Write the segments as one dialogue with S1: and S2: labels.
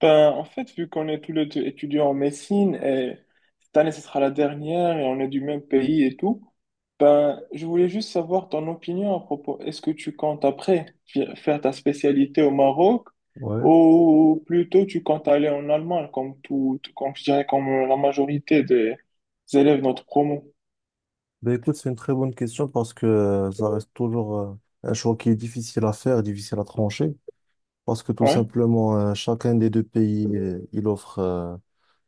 S1: Ben, en fait, vu qu'on est tous les deux étudiants en médecine et cette année, ce sera la dernière et on est du même pays et tout, ben, je voulais juste savoir ton opinion à propos. Est-ce que tu comptes après faire ta spécialité au Maroc
S2: Ouais.
S1: ou plutôt tu comptes aller en Allemagne comme comme je dirais, comme la majorité des élèves de notre promo?
S2: Ben écoute, c'est une très bonne question parce que ça reste toujours un choix qui est difficile à faire, difficile à trancher, parce que tout
S1: Ouais,
S2: simplement, chacun des deux pays, il offre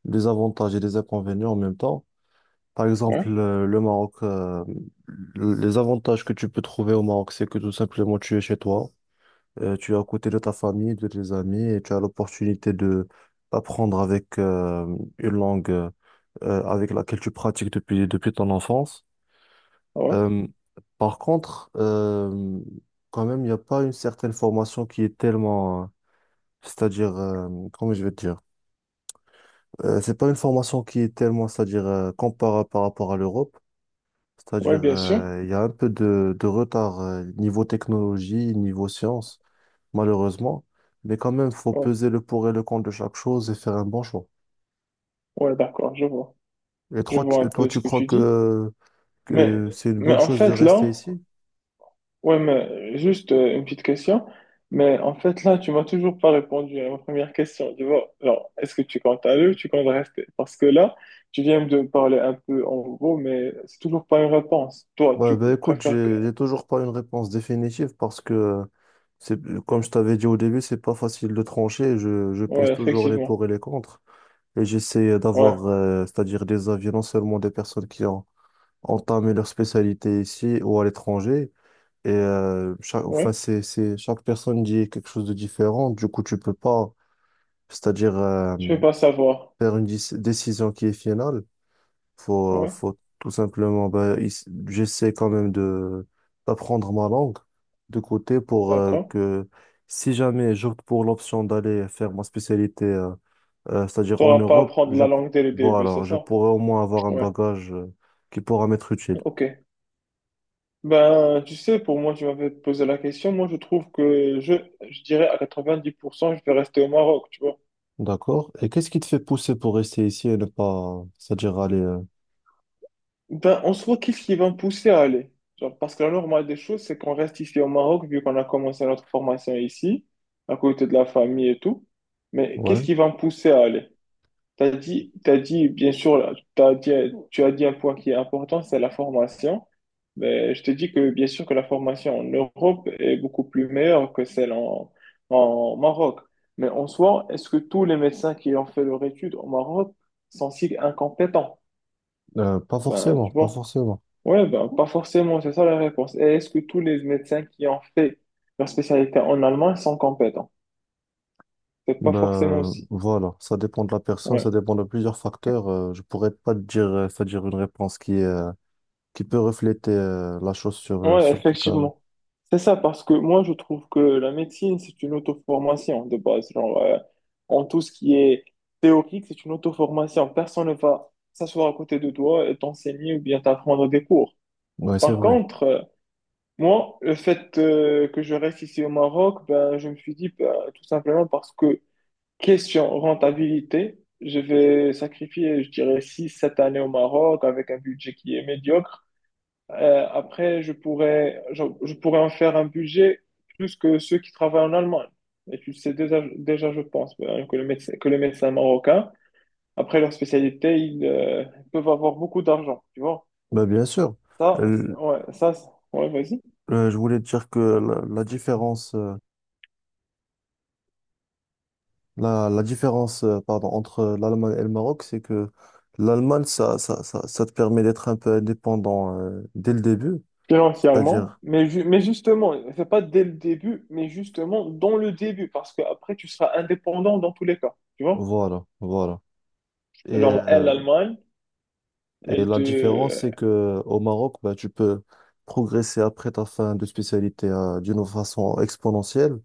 S2: des avantages et des inconvénients en même temps. Par exemple,
S1: ouais,
S2: le Maroc, les avantages que tu peux trouver au Maroc, c'est que tout simplement, tu es chez toi, tu es à côté de ta famille, de tes amis, et tu as l'opportunité de d'apprendre avec une langue avec laquelle tu pratiques depuis ton enfance.
S1: ouais,
S2: Euh, par contre, quand même, il n'y a pas une certaine formation qui est tellement, c'est-à-dire, comment je vais te dire. C'est pas une formation qui est tellement, c'est-à-dire, comparable par rapport à l'Europe,
S1: ouais,
S2: c'est-à-dire,
S1: bien sûr.
S2: il y a un peu de retard, niveau technologie, niveau science, malheureusement, mais quand même, il faut
S1: Ouais,
S2: peser le pour et le contre de chaque chose et faire un bon choix.
S1: ouais, d'accord, je vois.
S2: Et
S1: Je
S2: toi, tu,
S1: vois un
S2: toi,
S1: peu ce
S2: tu
S1: que
S2: crois
S1: tu dis.
S2: que,
S1: Mais,
S2: que c'est une
S1: mais
S2: bonne
S1: en
S2: chose de
S1: fait,
S2: rester
S1: là,
S2: ici?
S1: ouais, mais juste une petite question. Mais en fait, là, tu m'as toujours pas répondu à ma première question. Tu vois, alors, est-ce que tu comptes aller ou tu comptes rester? Parce que là, tu viens de me parler un peu en gros, mais c'est toujours pas une réponse. Toi,
S2: Ouais,
S1: tu
S2: bah écoute,
S1: préfères que.
S2: j'ai toujours pas une réponse définitive parce que c'est comme je t'avais dit au début, c'est pas facile de trancher. Je pèse
S1: Ouais,
S2: toujours les
S1: effectivement.
S2: pour et les contre. Et j'essaie
S1: Ouais,
S2: d'avoir, c'est-à-dire des avis non seulement des personnes qui ont entamé leur spécialité ici ou à l'étranger. Et chaque, enfin,
S1: ouais.
S2: chaque personne dit quelque chose de différent. Du coup, tu peux pas, c'est-à-dire
S1: Tu veux pas savoir.
S2: faire une décision qui est finale. Faut,
S1: Ouais,
S2: faut tout simplement, ben, j'essaie quand même de d'apprendre ma langue de côté pour
S1: d'accord.
S2: que si jamais j'opte pour l'option d'aller faire ma spécialité, c'est-à-dire en
S1: T'auras pas à
S2: Europe,
S1: prendre la langue dès le
S2: bon,
S1: début, c'est
S2: alors, je
S1: ça?
S2: pourrais au moins avoir un
S1: Ouais,
S2: bagage qui pourra m'être utile.
S1: ok. Ben, tu sais, pour moi, tu m'avais posé la question. Moi, je trouve que je dirais à 90% je vais rester au Maroc, tu vois.
S2: D'accord. Et qu'est-ce qui te fait pousser pour rester ici et ne pas, c'est-à-dire aller,
S1: Ben, en soi, qu'est-ce qui va me pousser à aller? Genre, parce que la normale des choses, c'est qu'on reste ici au Maroc, vu qu'on a commencé notre formation ici, à côté de la famille et tout. Mais
S2: ouais,
S1: qu'est-ce qui va me pousser à aller? Bien sûr, là, tu as dit un point qui est important, c'est la formation. Mais je te dis que, bien sûr, que la formation en Europe est beaucoup plus meilleure que celle en Maroc. Mais en soi, est-ce que tous les médecins qui ont fait leur étude au Maroc sont si incompétents?
S2: pas
S1: Ben,
S2: forcément,
S1: tu
S2: pas
S1: vois.
S2: forcément.
S1: Ouais, ben, pas forcément, c'est ça la réponse. Et est-ce que tous les médecins qui ont fait leur spécialité en allemand sont compétents? C'est pas forcément
S2: Ben,
S1: aussi.
S2: voilà, ça dépend de la personne,
S1: Ouais,
S2: ça dépend de plusieurs facteurs. Je pourrais pas te dire, c'est-à-dire une réponse qui peut refléter la chose sur, euh,
S1: ouais,
S2: sur tout un.
S1: effectivement. C'est ça, parce que moi, je trouve que la médecine, c'est une auto-formation de base. Genre, en tout ce qui est théorique, c'est une auto-formation. Personne ne va s'asseoir à côté de toi et t'enseigner ou bien t'apprendre des cours.
S2: Ouais, c'est
S1: Par
S2: vrai.
S1: contre, moi, le fait que je reste ici au Maroc, ben, je me suis dit, ben, tout simplement parce que question rentabilité, je vais sacrifier, je dirais, six, sept années au Maroc avec un budget qui est médiocre. Après, je pourrais en faire un budget plus que ceux qui travaillent en Allemagne. Et tu le sais déjà, déjà je pense, hein, que les médecins marocains, après leur spécialité, ils peuvent avoir beaucoup d'argent, tu vois.
S2: Ben, bien sûr. Euh,
S1: Ouais, ouais, vas-y.
S2: je voulais te dire que la différence, la différence, pardon, entre l'Allemagne et le Maroc, c'est que l'Allemagne, ça te permet d'être un peu indépendant dès le début.
S1: Financièrement,
S2: C'est-à-dire,
S1: mais justement, c'est pas dès le début, mais justement dans le début, parce que après tu seras indépendant dans tous les cas, tu vois?
S2: voilà, voilà. Et ouais.
S1: Genre, elle, l'Allemagne,
S2: Et
S1: elle
S2: la différence,
S1: te...
S2: c'est que au Maroc, bah, tu peux progresser après ta fin de spécialité d'une façon exponentielle,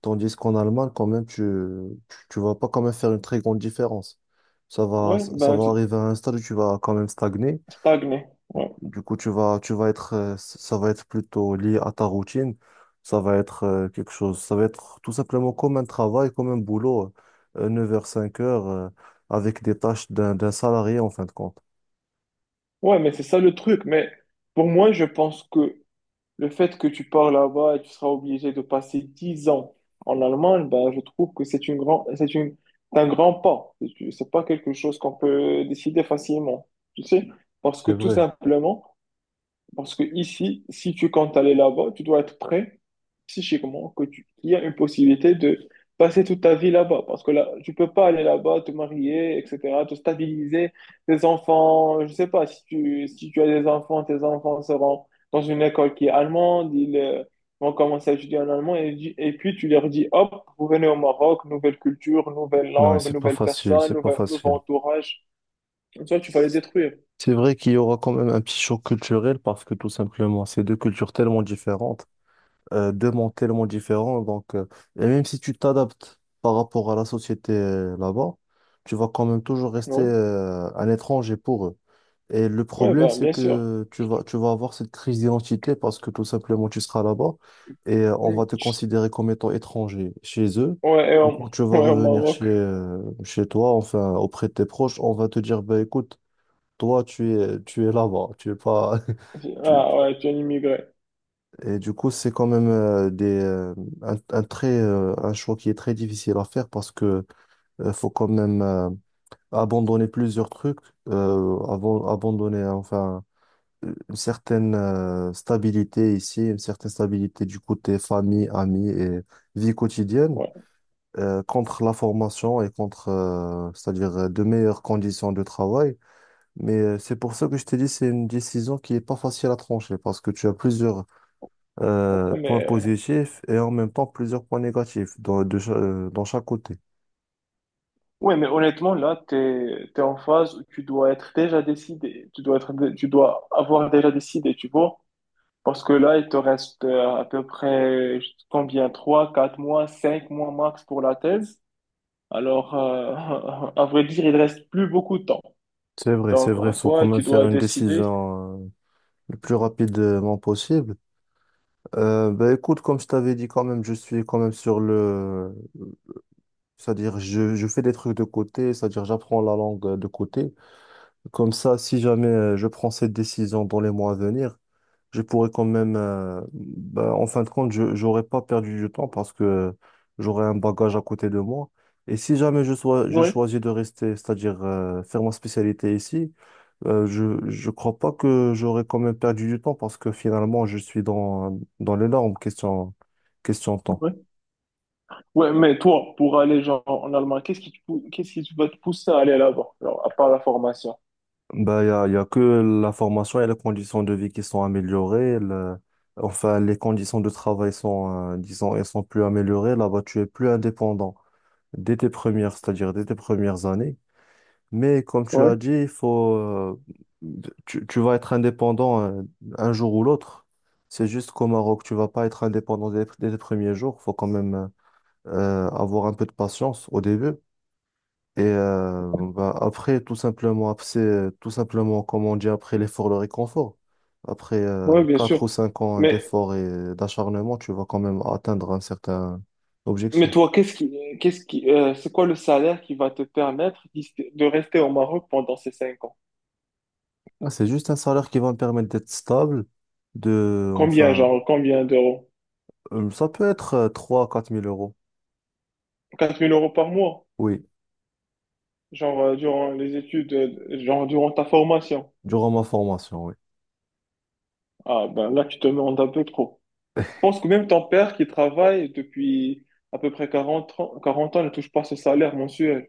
S2: tandis qu'en Allemagne, quand même, vas pas quand même faire une très grande différence. Ça va,
S1: Ouais,
S2: ça va arriver à un stade où tu vas quand même stagner.
S1: stagner. Ouais.
S2: Du coup, tu vas être, ça va être plutôt lié à ta routine. Ça va être quelque chose, ça va être tout simplement comme un travail, comme un boulot, neuf heures cinq heures avec des tâches d'un salarié en fin de compte.
S1: Ouais, mais c'est ça le truc. Mais pour moi, je pense que le fait que tu pars là-bas et tu seras obligé de passer 10 ans en Allemagne, ben, je trouve que c'est un grand pas. C'est pas quelque chose qu'on peut décider facilement, tu sais? Parce que
S2: C'est
S1: tout
S2: vrai.
S1: simplement, parce que ici, si tu comptes aller là-bas, tu dois être prêt psychiquement qu'il y a une possibilité de passer toute ta vie là-bas. Parce que là, tu peux pas aller là-bas, te marier, etc., te stabiliser, tes enfants, je sais pas, si tu as des enfants, tes enfants seront dans une école qui est allemande, ils vont commencer à étudier en allemand et puis tu leur dis, hop, vous venez au Maroc, nouvelle culture, nouvelle
S2: Ouais,
S1: langue,
S2: c'est pas
S1: nouvelle
S2: facile,
S1: personne,
S2: c'est pas facile.
S1: nouveau entourage. Comme ça, tu vas les détruire.
S2: C'est vrai qu'il y aura quand même un petit choc culturel parce que tout simplement, c'est deux cultures tellement différentes, deux mondes tellement différents. Donc, et même si tu t'adaptes par rapport à la société là-bas, tu vas quand même toujours rester
S1: Ouais,
S2: un étranger pour eux. Et le
S1: ouais
S2: problème,
S1: bah,
S2: c'est
S1: bien sûr.
S2: que tu vas avoir cette crise d'identité parce que tout simplement, tu seras là-bas et on
S1: Mm.
S2: va te
S1: Tu
S2: considérer comme étant étranger chez eux.
S1: ouais, et
S2: Et
S1: au,
S2: quand tu vas
S1: ouais, au
S2: revenir
S1: Maroc.
S2: chez toi, enfin, auprès de tes proches, on va te dire, bah, écoute, toi, tu es là-bas, tu es pas... tu-
S1: Ah
S2: tu-
S1: ouais, tu es un immigré.
S2: Et du coup, c'est quand même des, un très, un choix qui est très difficile à faire parce que faut quand même abandonner plusieurs trucs, avant, abandonner, enfin une certaine stabilité ici, une certaine stabilité du côté famille, amis et vie quotidienne,
S1: Ouais,
S2: contre la formation et contre, c'est-à-dire de meilleures conditions de travail. Mais c'est pour ça que je t'ai dit, c'est une décision qui est pas facile à trancher parce que tu as plusieurs points
S1: mais,
S2: positifs et en même temps plusieurs points négatifs dans chaque côté.
S1: ouais, mais honnêtement, là, t'es en phase où tu dois être déjà décidé. Tu dois avoir déjà décidé, tu vois. Parce que là, il te reste à peu près combien? Trois, 4 mois, 5 mois max pour la thèse. Alors, à vrai dire, il reste plus beaucoup de temps.
S2: C'est
S1: Donc,
S2: vrai,
S1: en
S2: faut quand
S1: soi,
S2: même
S1: tu
S2: faire
S1: dois
S2: une
S1: décider.
S2: décision le plus rapidement possible. Bah écoute, comme je t'avais dit quand même, je suis quand même sur le... C'est-à-dire, je fais des trucs de côté, c'est-à-dire j'apprends la langue de côté. Comme ça, si jamais je prends cette décision dans les mois à venir, je pourrais quand même... bah, en fin de compte, je j'aurais pas perdu du temps parce que j'aurais un bagage à côté de moi. Et si jamais je
S1: Oui,
S2: choisis de rester, c'est-à-dire faire ma spécialité ici, je crois pas que j'aurais quand même perdu du temps parce que finalement je suis dans les normes question temps.
S1: oui. Ouais, mais toi, pour aller genre en Allemagne, qu'est-ce qui te va te pousser à aller là-bas, genre, à part la formation?
S2: Bah il y a que la formation et les conditions de vie qui sont améliorées. Enfin les conditions de travail sont disons elles sont plus améliorées. Là-bas tu es plus indépendant dès tes premières c'est-à-dire dès tes premières années. Mais comme tu
S1: Oui,
S2: as dit il faut tu vas être indépendant un jour ou l'autre. C'est juste qu'au Maroc, tu vas pas être indépendant dès les premiers jours. Faut quand même, avoir un peu de patience au début. Et bah, après, tout simplement, après, c'est tout simplement, comme on dit, après l'effort, le réconfort. Après
S1: ouais, ouais, bien sûr.
S2: quatre ou 5 ans
S1: Mais
S2: d'effort et d'acharnement, tu vas quand même atteindre un certain
S1: Mais
S2: objectif.
S1: toi, qu'est-ce qui, c'est quoi le salaire qui va de rester au Maroc pendant ces 5 ans?
S2: Ah, c'est juste un salaire qui va me permettre d'être stable,
S1: Combien,
S2: enfin,
S1: genre, combien d'euros?
S2: ça peut être trois quatre mille euros,
S1: Quatre mille euros par mois,
S2: oui,
S1: genre, durant les études, genre, durant ta formation.
S2: durant ma formation, oui.
S1: Ah, ben là, tu te demandes un peu trop. Je pense que même ton père qui travaille depuis à peu près 40 ans, 40 ans ne touche pas ce salaire mensuel.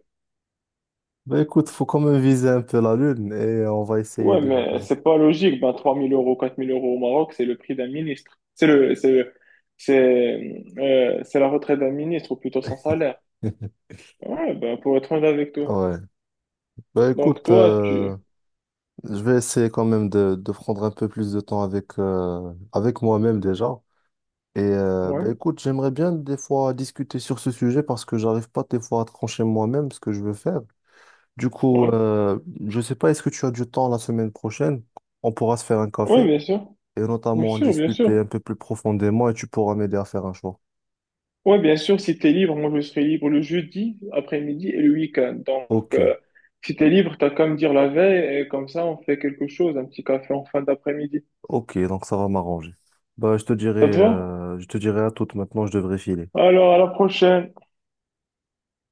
S2: Bah écoute, faut quand même viser un peu la lune et on va essayer
S1: Ouais,
S2: de...
S1: mais c'est pas logique. Ben, 3 000 euros, 4 000 euros au Maroc, c'est le prix d'un ministre. C'est la retraite d'un ministre, ou plutôt son salaire. Ouais, ben, pour être honnête avec toi.
S2: Ouais. Bah
S1: Donc,
S2: écoute,
S1: toi, tu.
S2: je vais essayer quand même de prendre un peu plus de temps avec, avec moi-même déjà. Et bah,
S1: Ouais,
S2: écoute, j'aimerais bien des fois discuter sur ce sujet parce que j'arrive pas des fois à trancher moi-même ce que je veux faire. Du coup,
S1: ouais.
S2: je sais pas, est-ce que tu as du temps la semaine prochaine? On pourra se faire un
S1: Ouais,
S2: café
S1: bien sûr.
S2: et
S1: Bien
S2: notamment en
S1: sûr, bien
S2: discuter
S1: sûr.
S2: un peu plus profondément et tu pourras m'aider à faire un choix.
S1: Ouais, bien sûr, si t'es libre, moi, je serai libre le jeudi, après-midi et le week-end. Donc,
S2: Ok,
S1: si t'es libre, t'as qu'à me dire la veille et comme ça, on fait quelque chose, un petit café en fin d'après-midi.
S2: ok, donc ça va m'arranger. Bah, je te dirai,
S1: Ça te va?
S2: je te dirai à toute maintenant, je devrais filer.
S1: Alors, à la prochaine.